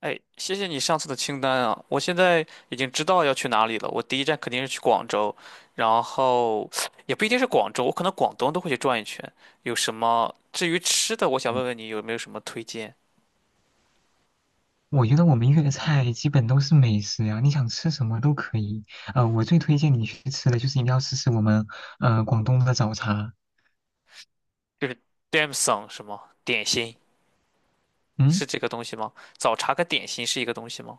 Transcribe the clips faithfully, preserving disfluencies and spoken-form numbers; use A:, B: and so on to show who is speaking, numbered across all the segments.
A: 哎，谢谢你上次的清单啊！我现在已经知道要去哪里了。我第一站肯定是去广州，然后也不一定是广州，我可能广东都会去转一圈。有什么？至于吃的，我想
B: 嗯
A: 问问你有没有什么推荐？
B: 我觉得我们粤菜基本都是美食呀，你想吃什么都可以。呃，我最推荐你去吃的就是一定要试试我们呃广东的早茶。
A: 就是 d a m sum 什么点心
B: 嗯，
A: 是这个东西吗？早茶跟点心是一个东西吗？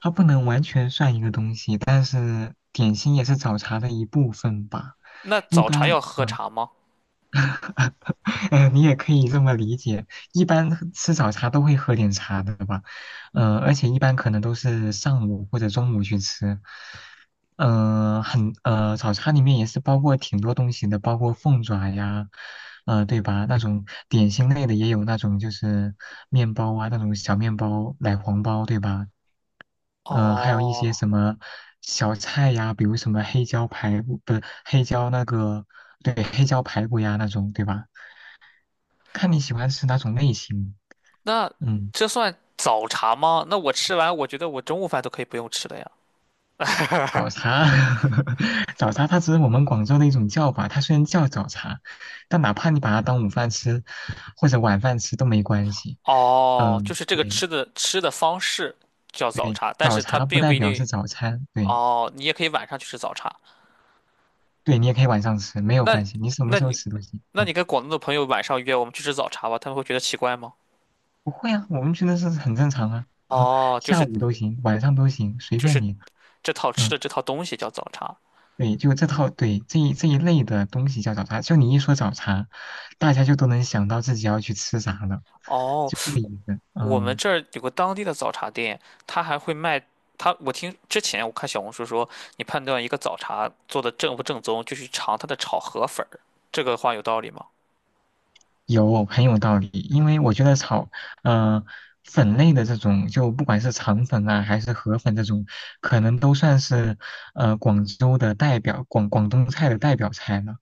B: 它不能完全算一个东西，但是点心也是早茶的一部分吧。
A: 那
B: 一
A: 早茶
B: 般，
A: 要喝
B: 嗯，
A: 茶吗？
B: 呃，你也可以这么理解。一般喝吃早茶都会喝点茶的吧，呃，而且一般可能都是上午或者中午去吃。嗯，很呃，早餐里面也是包括挺多东西的，包括凤爪呀，呃，对吧？那种点心类的也有那种就是面包啊，那种小面包、奶黄包，对吧？呃，还有一
A: 哦，
B: 些什么小菜呀，比如什么黑椒排骨，不是黑椒那个，对，黑椒排骨呀那种，对吧？看你喜欢吃哪种类型。
A: 那
B: 嗯。
A: 这算早茶吗？那我吃完，我觉得我中午饭都可以不用吃了呀。
B: 早 茶，早茶它只是我们广州的一种叫法，它虽然叫早茶，但哪怕你把它当午饭吃或者晚饭吃都没关系。
A: 哦，就
B: 嗯，
A: 是这个
B: 对
A: 吃的吃的方式叫早
B: 对，
A: 茶，但
B: 早
A: 是它
B: 茶不
A: 并不
B: 代
A: 一
B: 表
A: 定。
B: 是早餐，对。
A: 哦，你也可以晚上去吃早茶。
B: 对，你也可以晚上吃，没有
A: 那，
B: 关系，你什么
A: 那
B: 时候
A: 你，
B: 吃都行。
A: 那
B: 嗯，
A: 你跟广东的朋友晚上约我们去吃早茶吧，他们会觉得奇怪吗？
B: 不会啊，我们觉得是很正常啊，
A: 哦，就
B: 下
A: 是
B: 午都行，晚上都行，随
A: 就
B: 便
A: 是
B: 你。
A: 这套吃
B: 嗯。
A: 的这套东西叫早茶。
B: 对，就这套，对，这一这一类的东西叫早茶。就你一说早茶，大家就都能想到自己要去吃啥了，
A: 哦，
B: 就这个意思。
A: 我们
B: 嗯，
A: 这儿有个当地的早茶店，他还会卖。他，我听之前我看小红书说，你判断一个早茶做的正不正宗，就去尝它的炒河粉儿。这个话有道理吗？
B: 有，很有道理。因为我觉得炒，嗯，粉类的这种，就不管是肠粉啊，还是河粉这种，可能都算是呃广州的代表，广广东菜的代表菜了。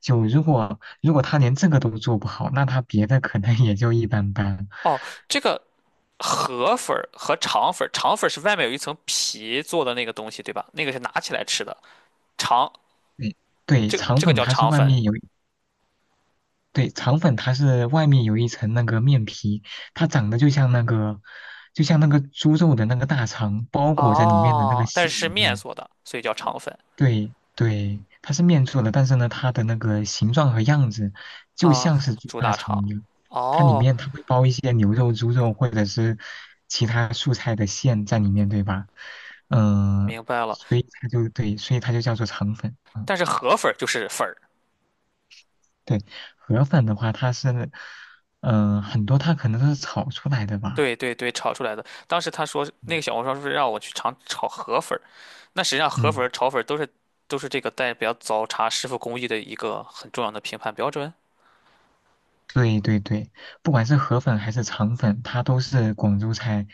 B: 就如果如果他连这个都做不好，那他别的可能 也就一般般。
A: 哦，这个。河粉儿和肠粉儿，肠粉儿是外面有一层皮做的那个东西，对吧？那个是拿起来吃的，肠
B: 对对，
A: 这个
B: 肠
A: 这个
B: 粉
A: 叫
B: 它是
A: 肠
B: 外
A: 粉。
B: 面有。对，肠粉它是外面有一层那个面皮，它长得就像那个，就像那个猪肉的那个大肠包裹在里面的那个
A: 哦，但是
B: 馅
A: 是
B: 一
A: 面
B: 样。
A: 做的，所以叫肠粉。
B: 对对，它是面做的，但是呢，它的那个形状和样子就
A: 啊，
B: 像是猪
A: 猪
B: 大
A: 大肠。
B: 肠一样。它里
A: 哦，
B: 面它会包一些牛肉、猪肉或者是其他素菜的馅在里面，对吧？嗯、
A: 明白了。
B: 所以它就对，所以它就叫做肠粉。嗯
A: 但是河粉儿就是粉儿，
B: 对，河粉的话，它是，嗯、很多它可能都是炒出来的吧。
A: 对对对，炒出来的。当时他说那个小红书上是让我去尝炒河粉儿，那实际上河粉儿、
B: 嗯，
A: 炒粉儿都是都是这个代表早茶师傅工艺的一个很重要的评判标准。
B: 对对对，不管是河粉还是肠粉，它都是广州菜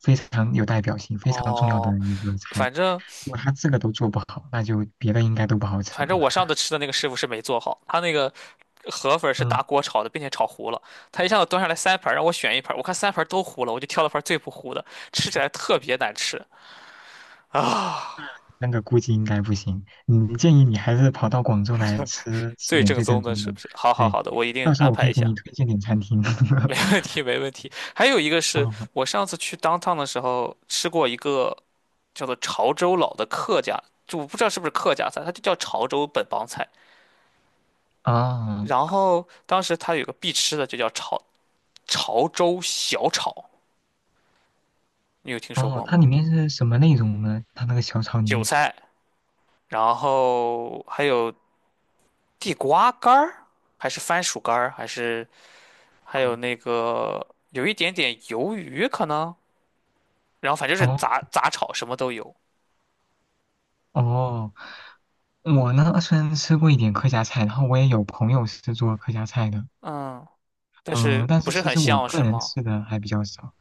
B: 非常有代表性、非常重要
A: 哦，
B: 的一个菜。
A: 反正。
B: 如果它这个都做不好，那就别的应该都不好吃
A: 反正
B: 了。
A: 我上次吃的那个师傅是没做好，他那个河粉是
B: 嗯，
A: 大锅炒的，并且炒糊了。他一下子端上来三盘让我选一盘，我看三盘都糊了，我就挑了盘最不糊的，吃起来特别难吃啊！
B: 那那个估计应该不行。你建议你还是跑到广州来吃吃
A: 最
B: 点
A: 正
B: 最
A: 宗
B: 正
A: 的
B: 宗
A: 是
B: 的。
A: 不是？好好
B: 对，
A: 好的，我一定
B: 到时
A: 安
B: 候我可
A: 排一
B: 以给
A: 下，
B: 你推荐点餐厅。
A: 没问 题没问题。还有一个是
B: 哦
A: 我上次去 downtown 的时候吃过一个叫做潮州佬的客家，就我不知道是不是客家菜，它就叫潮州本帮菜。然
B: 哦。
A: 后当时它有个必吃的，就叫潮潮州小炒。你有听说
B: 哦，
A: 过
B: 它
A: 吗？
B: 里面是什么内容呢？它那个小炒里
A: 韭
B: 面。
A: 菜，然后还有地瓜干儿，还是番薯干儿，还是还
B: 哦
A: 有那个有一点点鱿鱼可能，然后反正是
B: 哦，
A: 杂杂炒什么都有。
B: 哦，我呢虽然吃过一点客家菜，然后我也有朋友是做客家菜的，
A: 嗯，但
B: 嗯、
A: 是
B: 但
A: 不
B: 是
A: 是
B: 其
A: 很
B: 实我
A: 像
B: 个
A: 是
B: 人
A: 吗？
B: 吃的还比较少。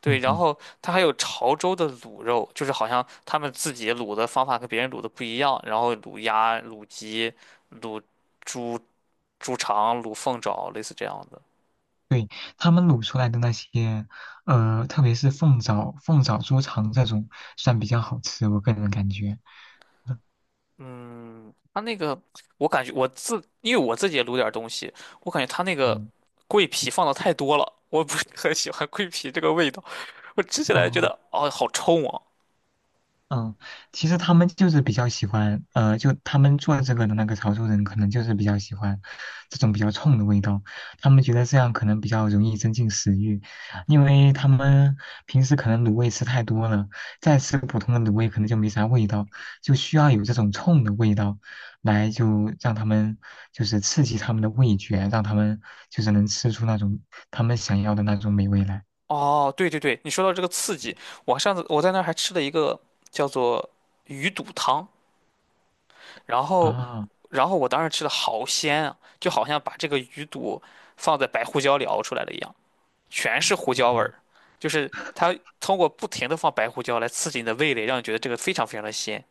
A: 对，然
B: 嗯，
A: 后它还有潮州的卤肉，就是好像他们自己卤的方法跟别人卤的不一样，然后卤鸭、卤鸡、卤猪、猪肠、卤凤爪，类似这样的。
B: 对，他们卤出来的那些，呃，特别是凤爪、凤爪猪肠这种，算比较好吃，我个人感觉。嗯，
A: 嗯，它那个我感觉我自，因为我自己也卤点儿东西，我感觉它那个
B: 哦，
A: 桂皮放的太多了，我不是很喜欢桂皮这个味道。我吃起来觉
B: 哦
A: 得哦，好冲啊！
B: 嗯，其实他们就是比较喜欢，呃，就他们做这个的那个潮州人，可能就是比较喜欢这种比较冲的味道。他们觉得这样可能比较容易增进食欲，因为他们平时可能卤味吃太多了，再吃普通的卤味可能就没啥味道，就需要有这种冲的味道，来就让他们就是刺激他们的味觉，让他们就是能吃出那种他们想要的那种美味来。
A: 哦，对对对，你说到这个刺激，我上次我在那儿还吃了一个叫做鱼肚汤，然后
B: 啊，
A: 然后我当时吃的好鲜啊，就好像把这个鱼肚放在白胡椒里熬出来了一样。全是胡椒味
B: 哦
A: 儿，就是它通过不停的放白胡椒来刺激你的味蕾，让你觉得这个非常非常的鲜。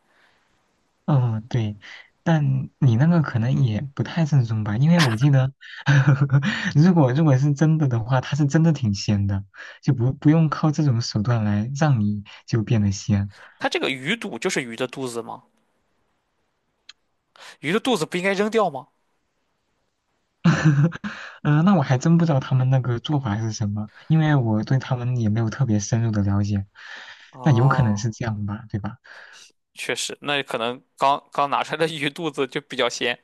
B: 嗯，对，但你那个可能也不太正宗吧，因为我记得，如果如果是真的的话，它是真的挺鲜的，就不不用靠这种手段来让你就变得鲜。
A: 它这个鱼肚就是鱼的肚子吗？鱼的肚子不应该扔掉吗？
B: 嗯那我还真不知道他们那个做法是什么，因为我对他们也没有特别深入的了解。那有可能
A: 哦，
B: 是这样吧，对吧？
A: 确实，那可能刚刚拿出来的鱼肚子就比较鲜。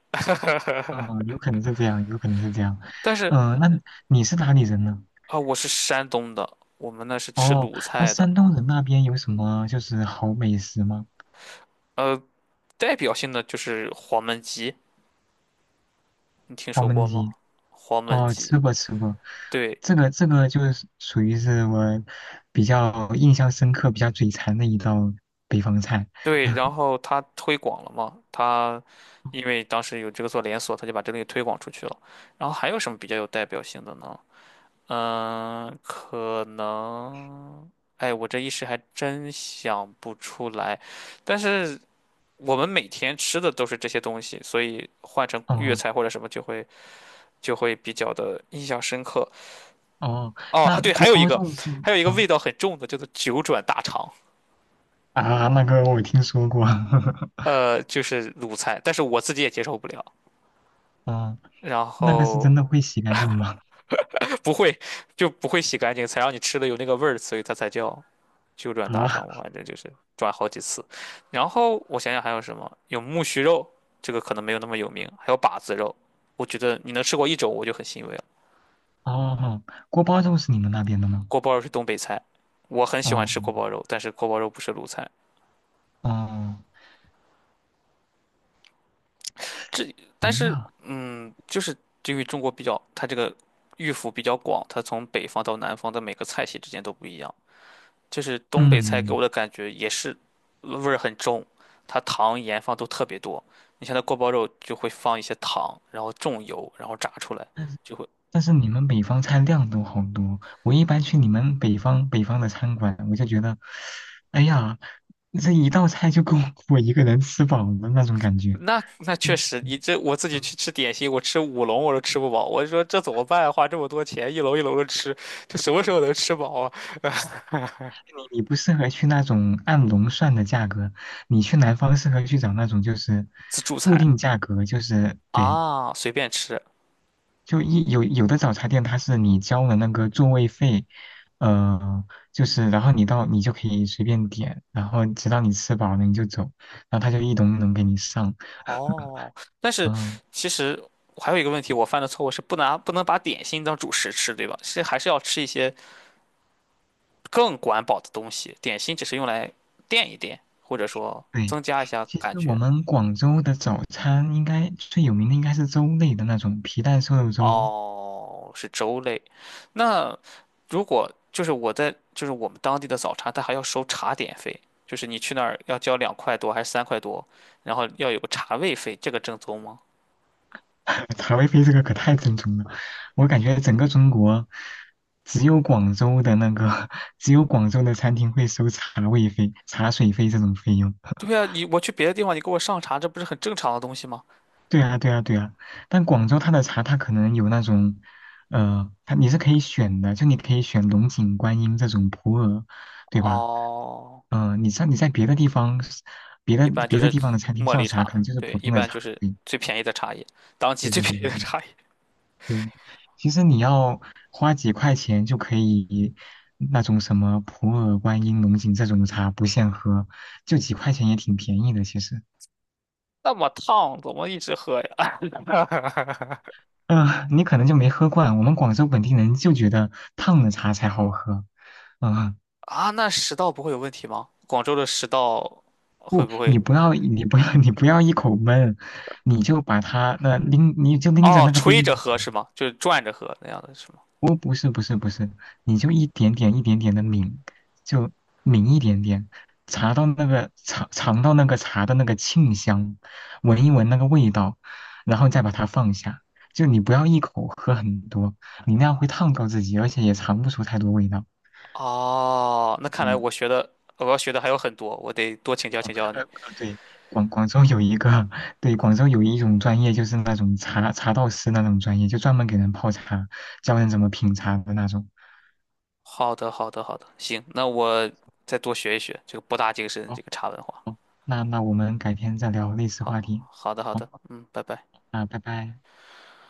B: 嗯，有可能是这样，有可能是这样。
A: 但是
B: 嗯，那你是哪里人呢？
A: 啊、我是山东的，我们那是吃
B: 哦，
A: 鲁
B: 那
A: 菜的。
B: 山东人那边有什么就是好美食吗？
A: 呃，代表性的就是黄焖鸡，你听
B: 黄
A: 说过
B: 焖
A: 吗？
B: 鸡
A: 黄焖
B: 哦，
A: 鸡，
B: 吃过吃过，
A: 对，
B: 这个这个就是属于是我比较印象深刻、比较嘴馋的一道北方菜。
A: 对，然 后他推广了嘛，他因为当时有这个做连锁，他就把这个东西推广出去了。然后还有什么比较有代表性的呢？嗯，可能，哎，我这一时还真想不出来。但是我们每天吃的都是这些东西，所以换成粤
B: 哦
A: 菜或者什么就会就会比较的印象深刻。
B: 哦，
A: 哦，
B: 那
A: 对，还
B: 锅
A: 有一
B: 包
A: 个，
B: 肉是
A: 还有一个
B: 啊
A: 味道很重的叫做九转大肠，
B: 啊，那个我听说过，
A: 呃，就是卤菜，但是我自己也接受不了。
B: 啊，
A: 然
B: 那个是
A: 后
B: 真的会洗干净吗？
A: 不会 就不会洗干净，才让你吃的有那个味儿，所以它才叫九转 大肠。
B: 啊
A: 我反正就是转好几次。然后我想想还有什么，有木须肉，这个可能没有那么有名，还有把子肉。我觉得你能吃过一种，我就很欣慰了。
B: 哦，锅包肉是你们那边的吗？
A: 锅包肉是东北菜，我很喜欢吃锅
B: 哦
A: 包肉，但是锅包肉不是鲁菜。
B: 哦
A: 这但是嗯，就是因为中国比较，它这个。御府比较广，它从北方到南方的每个菜系之间都不一样。就是东北菜给
B: 嗯。
A: 我的感觉也是味儿很重，它糖盐放都特别多。你像那锅包肉就会放一些糖，然后重油，然后炸出来就会。
B: 但是你们北方菜量都好多，我一般去你们北方北方的餐馆，我就觉得，哎呀，这一道菜就够我一个人吃饱的那种感觉。
A: 那那确实，你这我自己
B: 嗯，
A: 去吃点心，我吃五笼我都吃不饱。我就说这怎么办啊，花这么多钱，一笼一笼的吃，这什么时候能吃饱啊？
B: 你你不适合去那种按笼算的价格，你去南方适合去找那种就是
A: 自助
B: 固
A: 餐
B: 定价格，就是对
A: 啊，随便吃
B: 就一有有的早茶店，它是你交了那个座位费，呃，就是然后你到你就可以随便点，然后直到你吃饱了你就走，然后他就一笼一笼给你上。
A: 哦。但是
B: 嗯，
A: 其实还有一个问题，我犯的错误是不拿不能把点心当主食吃，对吧？是还是要吃一些。更管饱的东西，点心只是用来垫一垫，或者说
B: 对，
A: 增加一下
B: 其
A: 感
B: 实我
A: 觉。
B: 们广州的早餐应该最有名的应该是粥类的那种皮蛋瘦肉粥，
A: 哦，是粥类。那如果就是我在就是我们当地的早茶，它还要收茶点费，就是你去那儿要交两块多还是三块多，然后要有个茶位费，这个正宗吗？
B: 茶位费这个可太正宗了，我感觉整个中国只有广州的那个 只有广州的餐厅会收茶位费、茶水费这种费用。
A: 对 呀，你我去别的地方，你给我上茶，这不是很正常的东西吗？
B: 对啊，对啊，对啊，但广州它的茶，它可能有那种，呃，它你是可以选的，就你可以选龙井、观音这种普洱，对吧？
A: 哦，
B: 嗯、呃你像你在别的地方，别
A: 一
B: 的
A: 般就
B: 别的
A: 是
B: 地方的餐厅
A: 茉
B: 上
A: 莉
B: 茶，可
A: 茶，
B: 能就是
A: 对，
B: 普
A: 一
B: 通的
A: 般
B: 茶，
A: 就是
B: 对，
A: 最便宜的茶叶，当季
B: 对
A: 最
B: 对对
A: 便宜
B: 对
A: 的
B: 对
A: 茶叶。
B: 对。其实你要花几块钱就可以，那种什么普洱、观音、龙井这种茶不限喝，就几块钱也挺便宜的，其实。
A: 那么烫，怎么一直喝呀？
B: 嗯、呃你可能就没喝惯，我们广州本地人就觉得烫的茶才好喝。啊、
A: 啊，那食道不会有问题吗？广州的食道会
B: 不，
A: 不
B: 你
A: 会？
B: 不要，你不要，你不要一口闷，你就把它那拎，你就拎着
A: 哦，
B: 那个杯
A: 吹
B: 子
A: 着喝
B: 去。
A: 是吗？就是转着喝那样的是吗？
B: 哦，不是，不是，不是，你就一点点、一点点的抿，就抿一点点，茶到那个尝尝到那个茶的那个沁香，闻一闻那个味道，然后再把它放下。就你不要一口喝很多，你那样会烫到自己，而且也尝不出太多味道。
A: 哦，那看来
B: 嗯。
A: 我学的我要学的还有很多，我得多请教
B: 哦，
A: 请教你。
B: 呃，呃对，广广州有一个，对，广州有一种专业，就是那种茶茶道师那种专业，就专门给人泡茶，教人怎么品茶的那种。
A: 好的，好的，好的，行，那我再多学一学这个博大精深
B: 哦
A: 这个茶文化。
B: 哦，那那我们改天再聊类似
A: 好，
B: 话题。
A: 好的，好
B: 好，
A: 的，嗯，拜拜。
B: 那拜拜。